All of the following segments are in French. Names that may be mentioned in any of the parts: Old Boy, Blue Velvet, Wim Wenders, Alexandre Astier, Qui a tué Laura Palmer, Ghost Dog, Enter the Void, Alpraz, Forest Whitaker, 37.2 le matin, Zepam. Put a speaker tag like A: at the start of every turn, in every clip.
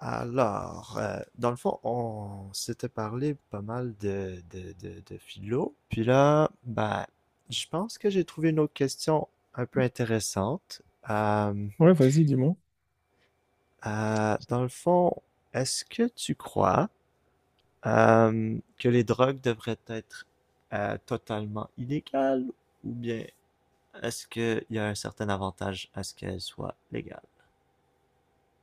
A: Dans le fond, on s'était parlé pas mal de philo. Puis là, ben, je pense que j'ai trouvé une autre question un peu intéressante. Euh,
B: Ouais, vas-y, dis-moi.
A: dans le fond, est-ce que tu crois que les drogues devraient être totalement illégales ou bien est-ce qu'il y a un certain avantage à ce qu'elles soient légales?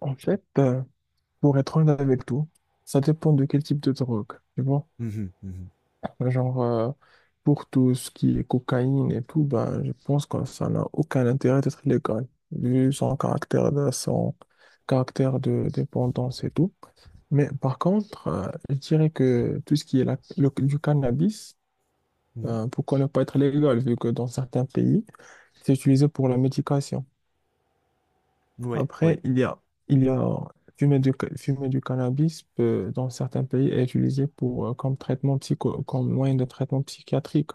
B: En fait, pour être honnête avec toi, ça dépend de quel type de drogue. Tu vois,
A: Mhm, mhm,
B: genre, pour tout ce qui est cocaïne et tout, ben, je pense que ça n'a aucun intérêt d'être légal, vu son caractère de dépendance et tout. Mais par contre, je dirais que tout ce qui est du cannabis,
A: mhm.
B: pourquoi ne pas être légal, vu que dans certains pays, c'est utilisé pour la médication.
A: Oui, oui.
B: Après, il y a fumer du, fumer du cannabis peut, dans certains pays est utilisé pour, comme traitement psycho, comme moyen de traitement psychiatrique.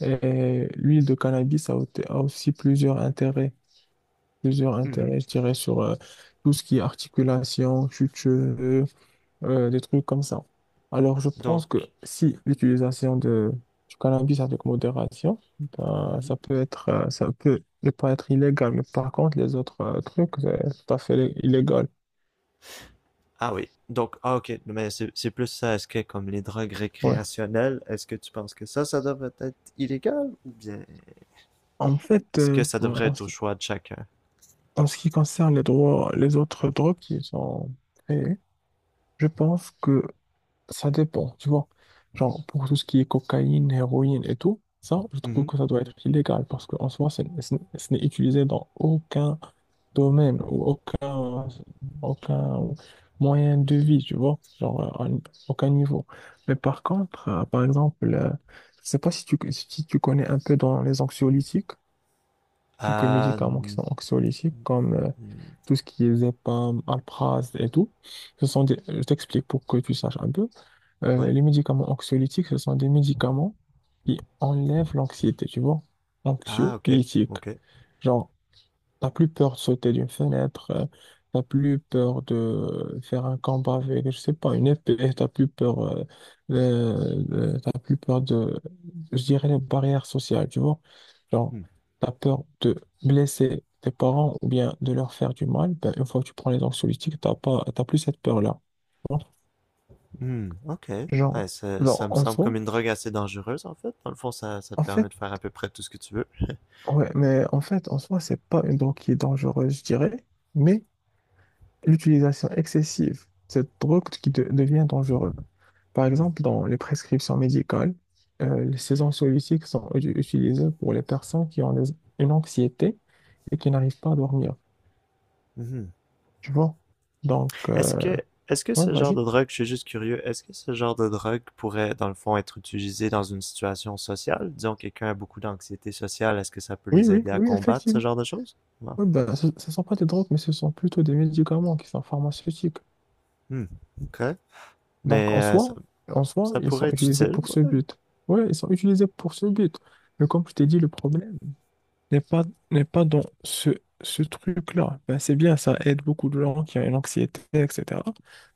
B: Et l'huile de cannabis a, a aussi plusieurs
A: Mhm.
B: intérêts, je dirais, sur tout ce qui est articulation, chute cheveux, des trucs comme ça. Alors, je pense
A: Donc,
B: que si l'utilisation de, du cannabis avec modération, ben,
A: mhm.
B: ça peut être, ça peut ne pas être illégal, mais par contre, les autres trucs, c'est tout à fait illégal.
A: Ah oui. Donc, ah, ok. Mais c'est plus ça. Est-ce que comme les drogues
B: Ouais.
A: récréationnelles, est-ce que tu penses que ça devrait être illégal ou bien
B: En fait,
A: est-ce que ça
B: bon,
A: devrait être au choix de chacun?
B: en ce qui concerne les droits, les autres drogues qui sont créées, je pense que ça dépend, tu vois. Genre, pour tout ce qui est cocaïne, héroïne et tout, ça, je trouve
A: Mhm.
B: que ça doit être illégal parce qu'en soi, ce n'est utilisé dans aucun domaine ou aucun moyen de vie, tu vois, genre aucun niveau. Mais par contre, par exemple, je sais pas si tu connais un peu dans les anxiolytiques, quelques
A: Ah,
B: médicaments qui sont anxiolytiques, comme
A: mm,
B: tout ce qui est Zepam, Alpraz et tout. Ce sont des, je t'explique pour que tu saches un peu.
A: oui.
B: Les médicaments anxiolytiques, ce sont des médicaments qui enlèvent l'anxiété, tu vois,
A: Ah, ok.
B: anxiolytiques.
A: Ok.
B: Genre, t'as plus peur de sauter d'une fenêtre, t'as plus peur de faire un combat avec, je sais pas, une épée, t'as plus peur, t'as plus peur de, je dirais, les barrières sociales, tu vois. Genre,
A: Hmm.
B: t'as peur de blesser tes parents ou bien de leur faire du mal, ben, une fois que tu prends les anxiolytiques, t'as pas, t'as plus cette peur-là, tu vois.
A: Hmm. Ok.
B: Genre,
A: Ouais, ça, ça me
B: en
A: semble
B: soi,
A: comme une drogue assez dangereuse en fait. Dans le fond, ça te
B: en
A: permet
B: fait,
A: de faire à peu près tout ce que tu veux.
B: ouais, mais en fait, en soi, c'est pas une drogue qui est dangereuse, je dirais, mais l'utilisation excessive de cette drogue qui devient dangereuse. Par
A: Hmm.
B: exemple, dans les prescriptions médicales, les séances soluciques sont utilisées pour les personnes qui ont une anxiété et qui n'arrivent pas à dormir.
A: Mhm.
B: Tu vois? Donc,
A: Est-ce que, est-ce que
B: ouais,
A: ce genre
B: vas-y.
A: de drogue, je suis juste curieux, est-ce que ce genre de drogue pourrait, dans le fond, être utilisé dans une situation sociale? Disons, quelqu'un a beaucoup d'anxiété sociale, est-ce que ça peut
B: Oui,
A: les
B: oui,
A: aider à
B: oui,
A: combattre ce
B: effectivement.
A: genre de choses? Non.
B: Ouais, ben, ce ne sont pas des drogues, mais ce sont plutôt des médicaments qui sont pharmaceutiques.
A: Hmm. Ok.
B: Donc,
A: Mais ça,
B: en soi,
A: ça
B: ils sont
A: pourrait être
B: utilisés
A: utile.
B: pour ce
A: Ouais.
B: but. Oui, ils sont utilisés pour ce but. Mais comme je t'ai dit, le problème n'est pas, n'est pas dans ce, ce truc-là. Ben, c'est bien, ça aide beaucoup de gens qui ont une anxiété, etc.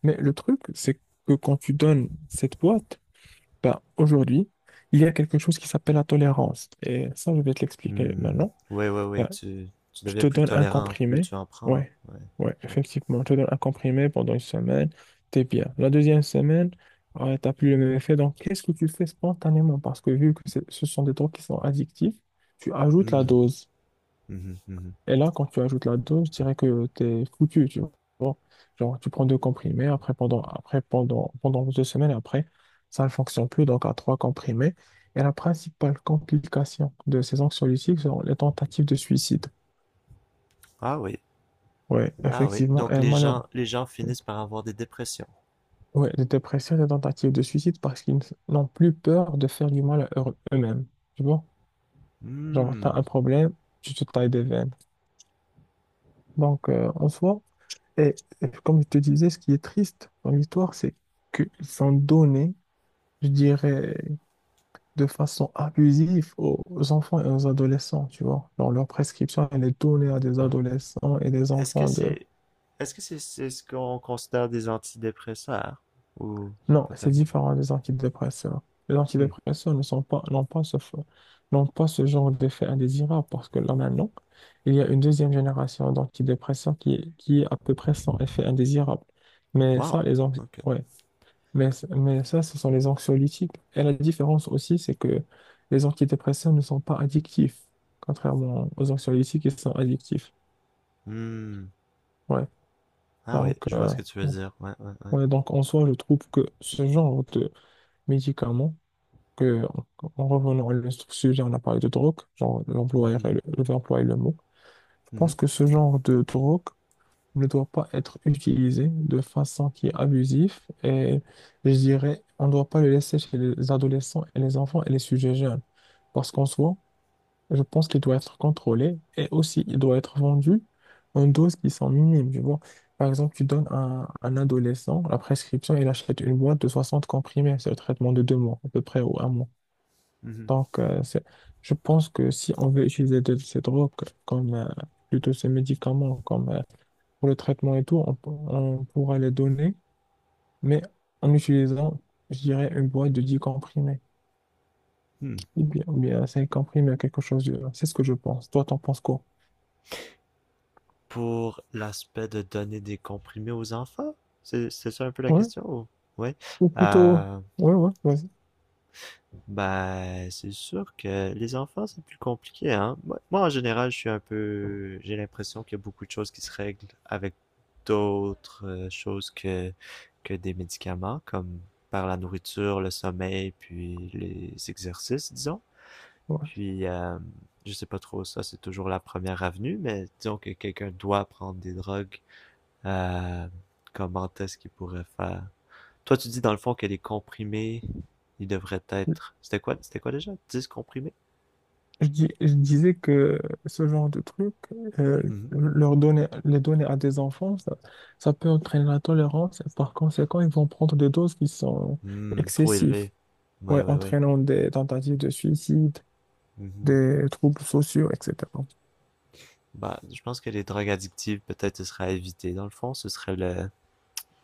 B: Mais le truc, c'est que quand tu donnes cette boîte, ben, aujourd'hui, il y a quelque chose qui s'appelle la tolérance. Et ça, je vais te l'expliquer
A: Hmm.
B: maintenant.
A: Oui, oui, oui.
B: Ben,
A: Tu
B: je
A: deviens
B: te
A: plus
B: donne un
A: tolérant, plus
B: comprimé.
A: tu en prends, hein.
B: Ouais,
A: Ouais,
B: ouais,
A: ouais.
B: effectivement. Je te donne un comprimé pendant une semaine, t'es bien. La deuxième semaine, tu t'as plus le même effet. Donc, qu'est-ce que tu fais spontanément? Parce que vu que ce sont des drogues qui sont addictives, tu ajoutes la
A: Hmm.
B: dose.
A: Mhm, mhm.
B: Et là, quand tu ajoutes la dose, je dirais que t'es foutu, tu vois. Genre, tu prends deux comprimés, après pendant deux semaines, et après, ça ne fonctionne plus, donc à trois comprimés. Et la principale complication de ces anxiolytiques sont les tentatives de suicide.
A: Ah oui.
B: Ouais,
A: Ah oui.
B: effectivement,
A: Donc
B: et malheureusement.
A: les gens finissent par avoir des dépressions.
B: Ouais, les dépressions, les tentatives de suicide parce qu'ils n'ont plus peur de faire du mal à eux-mêmes. Tu vois? Genre, t'as un
A: Hmm.
B: problème, tu te tailles des veines. Donc, en soi, Et, et comme je te disais, ce qui est triste dans l'histoire, c'est qu'ils sont donnés, je dirais, de façon abusive aux aux enfants et aux adolescents, tu vois. Genre, leur prescription, elle est donnée à des adolescents et des
A: Est-ce que
B: enfants de...
A: c'est est-ce que c'est ce qu'on considère des antidépresseurs? Ou
B: Non,
A: pas
B: c'est
A: tellement?
B: différent des antidépresseurs. Les
A: Hmm.
B: antidépresseurs ne sont pas, n'ont pas ce, n'ont pas ce genre d'effet indésirable parce que là maintenant, il y a une deuxième génération d'antidépresseurs qui est à peu près sans effet indésirable. Mais
A: Wow.
B: ça,
A: OK.
B: ouais. Mais, mais ça, ce sont les anxiolytiques. Et la différence aussi, c'est que les antidépresseurs ne sont pas addictifs, contrairement aux anxiolytiques qui sont addictifs.
A: Hmm.
B: Ouais.
A: Ah oui,
B: Donc,
A: je vois ce que tu veux dire. Ouais, ouais, ouais.
B: ouais, donc en soi, je trouve que ce genre de médicaments, que, en revenant à notre sujet, on a parlé de drogue, genre, l'employeur
A: Mhm,
B: et le, je vais employer le mot. Je pense
A: mhm,
B: que ce genre de drogue ne doit pas être utilisé de façon qui est abusive et je dirais, on ne doit pas le laisser chez les adolescents et les enfants et les sujets jeunes. Parce qu'en soi, je pense qu'il doit être contrôlé et aussi il doit être vendu en doses qui sont minimes, tu vois. Par exemple, tu donnes à un adolescent la prescription, il achète une boîte de 60 comprimés, c'est le traitement de deux mois à peu près ou un mois.
A: mhm.
B: Donc, je pense que si on veut utiliser ces drogues comme plutôt ces médicaments comme pour le traitement et tout, on pourra les donner, mais en utilisant, je dirais, une boîte de 10 comprimés,
A: Hmm.
B: ou bien 5 comprimés, quelque chose de... C'est ce que je pense. Toi, t'en penses quoi?
A: Pour l'aspect de donner des comprimés aux enfants? C'est ça un peu la
B: Ouais,
A: question? Ou ouais.
B: ou plutôt...
A: Euh,
B: Ouais, ouais, vas-y.
A: ben, c'est sûr que les enfants, c'est plus compliqué, hein. En général, je suis un peu... J'ai l'impression qu'il y a beaucoup de choses qui se règlent avec d'autres choses que des médicaments, comme par la nourriture, le sommeil, puis les exercices, disons.
B: Ouais.
A: Puis, je sais pas trop, ça, c'est toujours la première avenue, mais disons que quelqu'un doit prendre des drogues, euh, comment est-ce qu'il pourrait faire? Toi, tu dis dans le fond que les comprimés, ils devraient être. C'était quoi déjà? 10 comprimés?
B: Je disais que ce genre de truc, euh,
A: Mhm.
B: leur donner, les donner à des enfants, ça peut entraîner la tolérance et par conséquent, ils vont prendre des doses qui sont
A: Hmm, trop
B: excessives,
A: élevé. Ouais,
B: ouais,
A: ouais, ouais.
B: entraînant des tentatives de suicide,
A: Mhm.
B: des troubles sociaux, etc.
A: Bah, je pense que les drogues addictives, peut-être, ce serait à éviter. Dans le fond, ce serait le.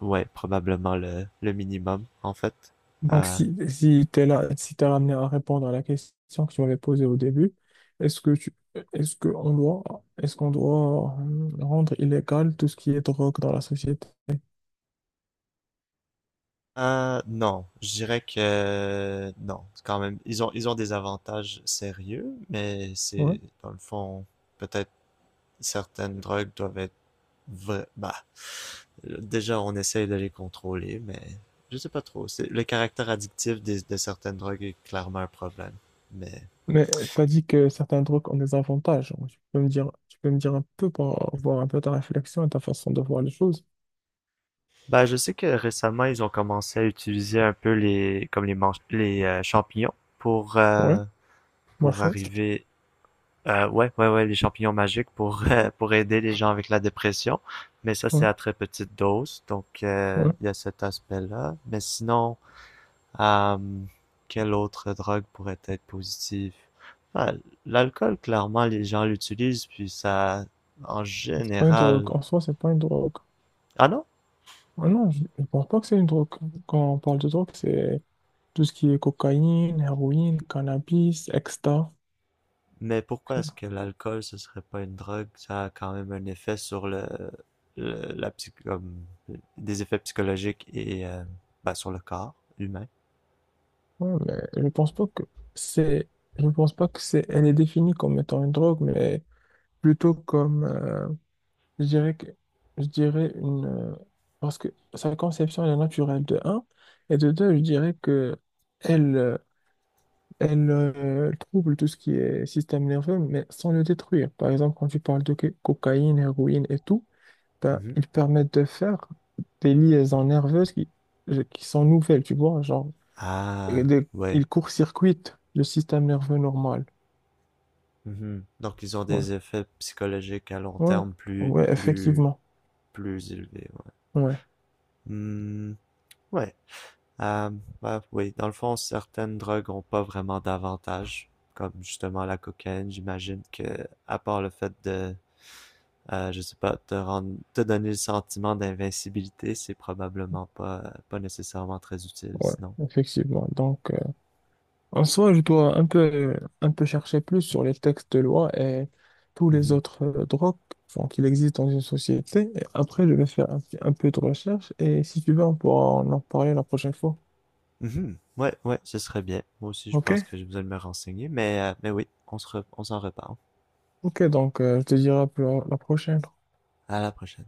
A: Ouais, probablement le minimum, en fait.
B: Donc,
A: Euh,
B: si t'es là, si t'es ramené à répondre à la question que tu m'avais posée au début, est-ce que tu, est-ce que on doit, est-ce qu'on doit rendre illégal tout ce qui est drogue dans la société?
A: non, je dirais que non. Quand même, ils ont des avantages sérieux, mais
B: Ouais.
A: c'est, dans le fond, peut-être certaines drogues doivent être. Vra- bah, déjà, on essaye de les contrôler, mais je sais pas trop. C'est le caractère addictif des- de certaines drogues est clairement un problème. Mais
B: Mais t'as dit que certains drogues ont des avantages. Donc, tu peux me dire, tu peux me dire un peu pour voir un peu ta réflexion et ta façon de voir les choses.
A: ben je sais que récemment, ils ont commencé à utiliser un peu les comme les manch- les champignons pour
B: Ouais,
A: euh,
B: moi
A: pour
B: chaud.
A: arriver ouais, ouais, ouais, les champignons magiques pour pour aider les gens avec la dépression. Mais ça,
B: Ouais,
A: c'est à très petite dose, donc euh,
B: ouais.
A: il euh, y a cet aspect-là. Mais sinon, hum... Quelle autre drogue pourrait être positive? Ah, l'alcool, clairement, les gens l'utilisent, puis ça, en
B: C'est pas une
A: général...
B: drogue. En soi, c'est pas une drogue.
A: Ah non?
B: Ah non, je pense pas que c'est une drogue. Quand on parle de drogue, c'est tout ce qui est cocaïne, héroïne, cannabis, extra.
A: Mais pourquoi est-ce que l'alcool, ce serait pas une drogue? Ça a quand même un effet sur le- la psy- comme, des effets psychologiques et ben, sur le corps humain.
B: Ouais, mais c'est, je pense pas que c'est, elle est définie comme étant une drogue, mais plutôt comme, je dirais que, je dirais une, parce que sa conception elle est naturelle de un, et de deux, je dirais que elle, euh, elle trouble tout ce qui est système nerveux, mais sans le détruire. Par exemple, quand tu parles de cocaïne, héroïne et tout, ben,
A: Mhm.
B: ils permettent de faire des liaisons nerveuses qui sont nouvelles, tu vois, genre,
A: Ah,
B: ils
A: ouais.
B: court-circuitent le système nerveux normal.
A: Mhm. Donc, ils ont
B: Ouais,
A: des effets psychologiques à long
B: ouais,
A: terme
B: ouais, effectivement.
A: plus élevés, ouais.
B: Ouais,
A: Hmm, ouais. Euh, bah oui, dans le fond, certaines drogues ont pas vraiment d'avantage, comme justement la cocaïne. J'imagine que, à part le fait de, je sais pas, te donner le sentiment d'invincibilité, c'est probablement pas nécessairement très utile,
B: ouais,
A: sinon.
B: effectivement. Donc, en soi, je dois un peu chercher plus sur les textes de loi et tous les
A: Mhm.
B: autres drogues enfin, qu'il existe dans une société. Et après, je vais faire un peu de recherche et si tu veux, on pourra en parler la prochaine fois.
A: Mhm. Ouais, ouais, ce serait bien. Moi aussi, je pense
B: OK?
A: que j'ai besoin de me renseigner, mais oui, on s'en reparle.
B: OK, donc, je te dirai à la prochaine.
A: À la prochaine.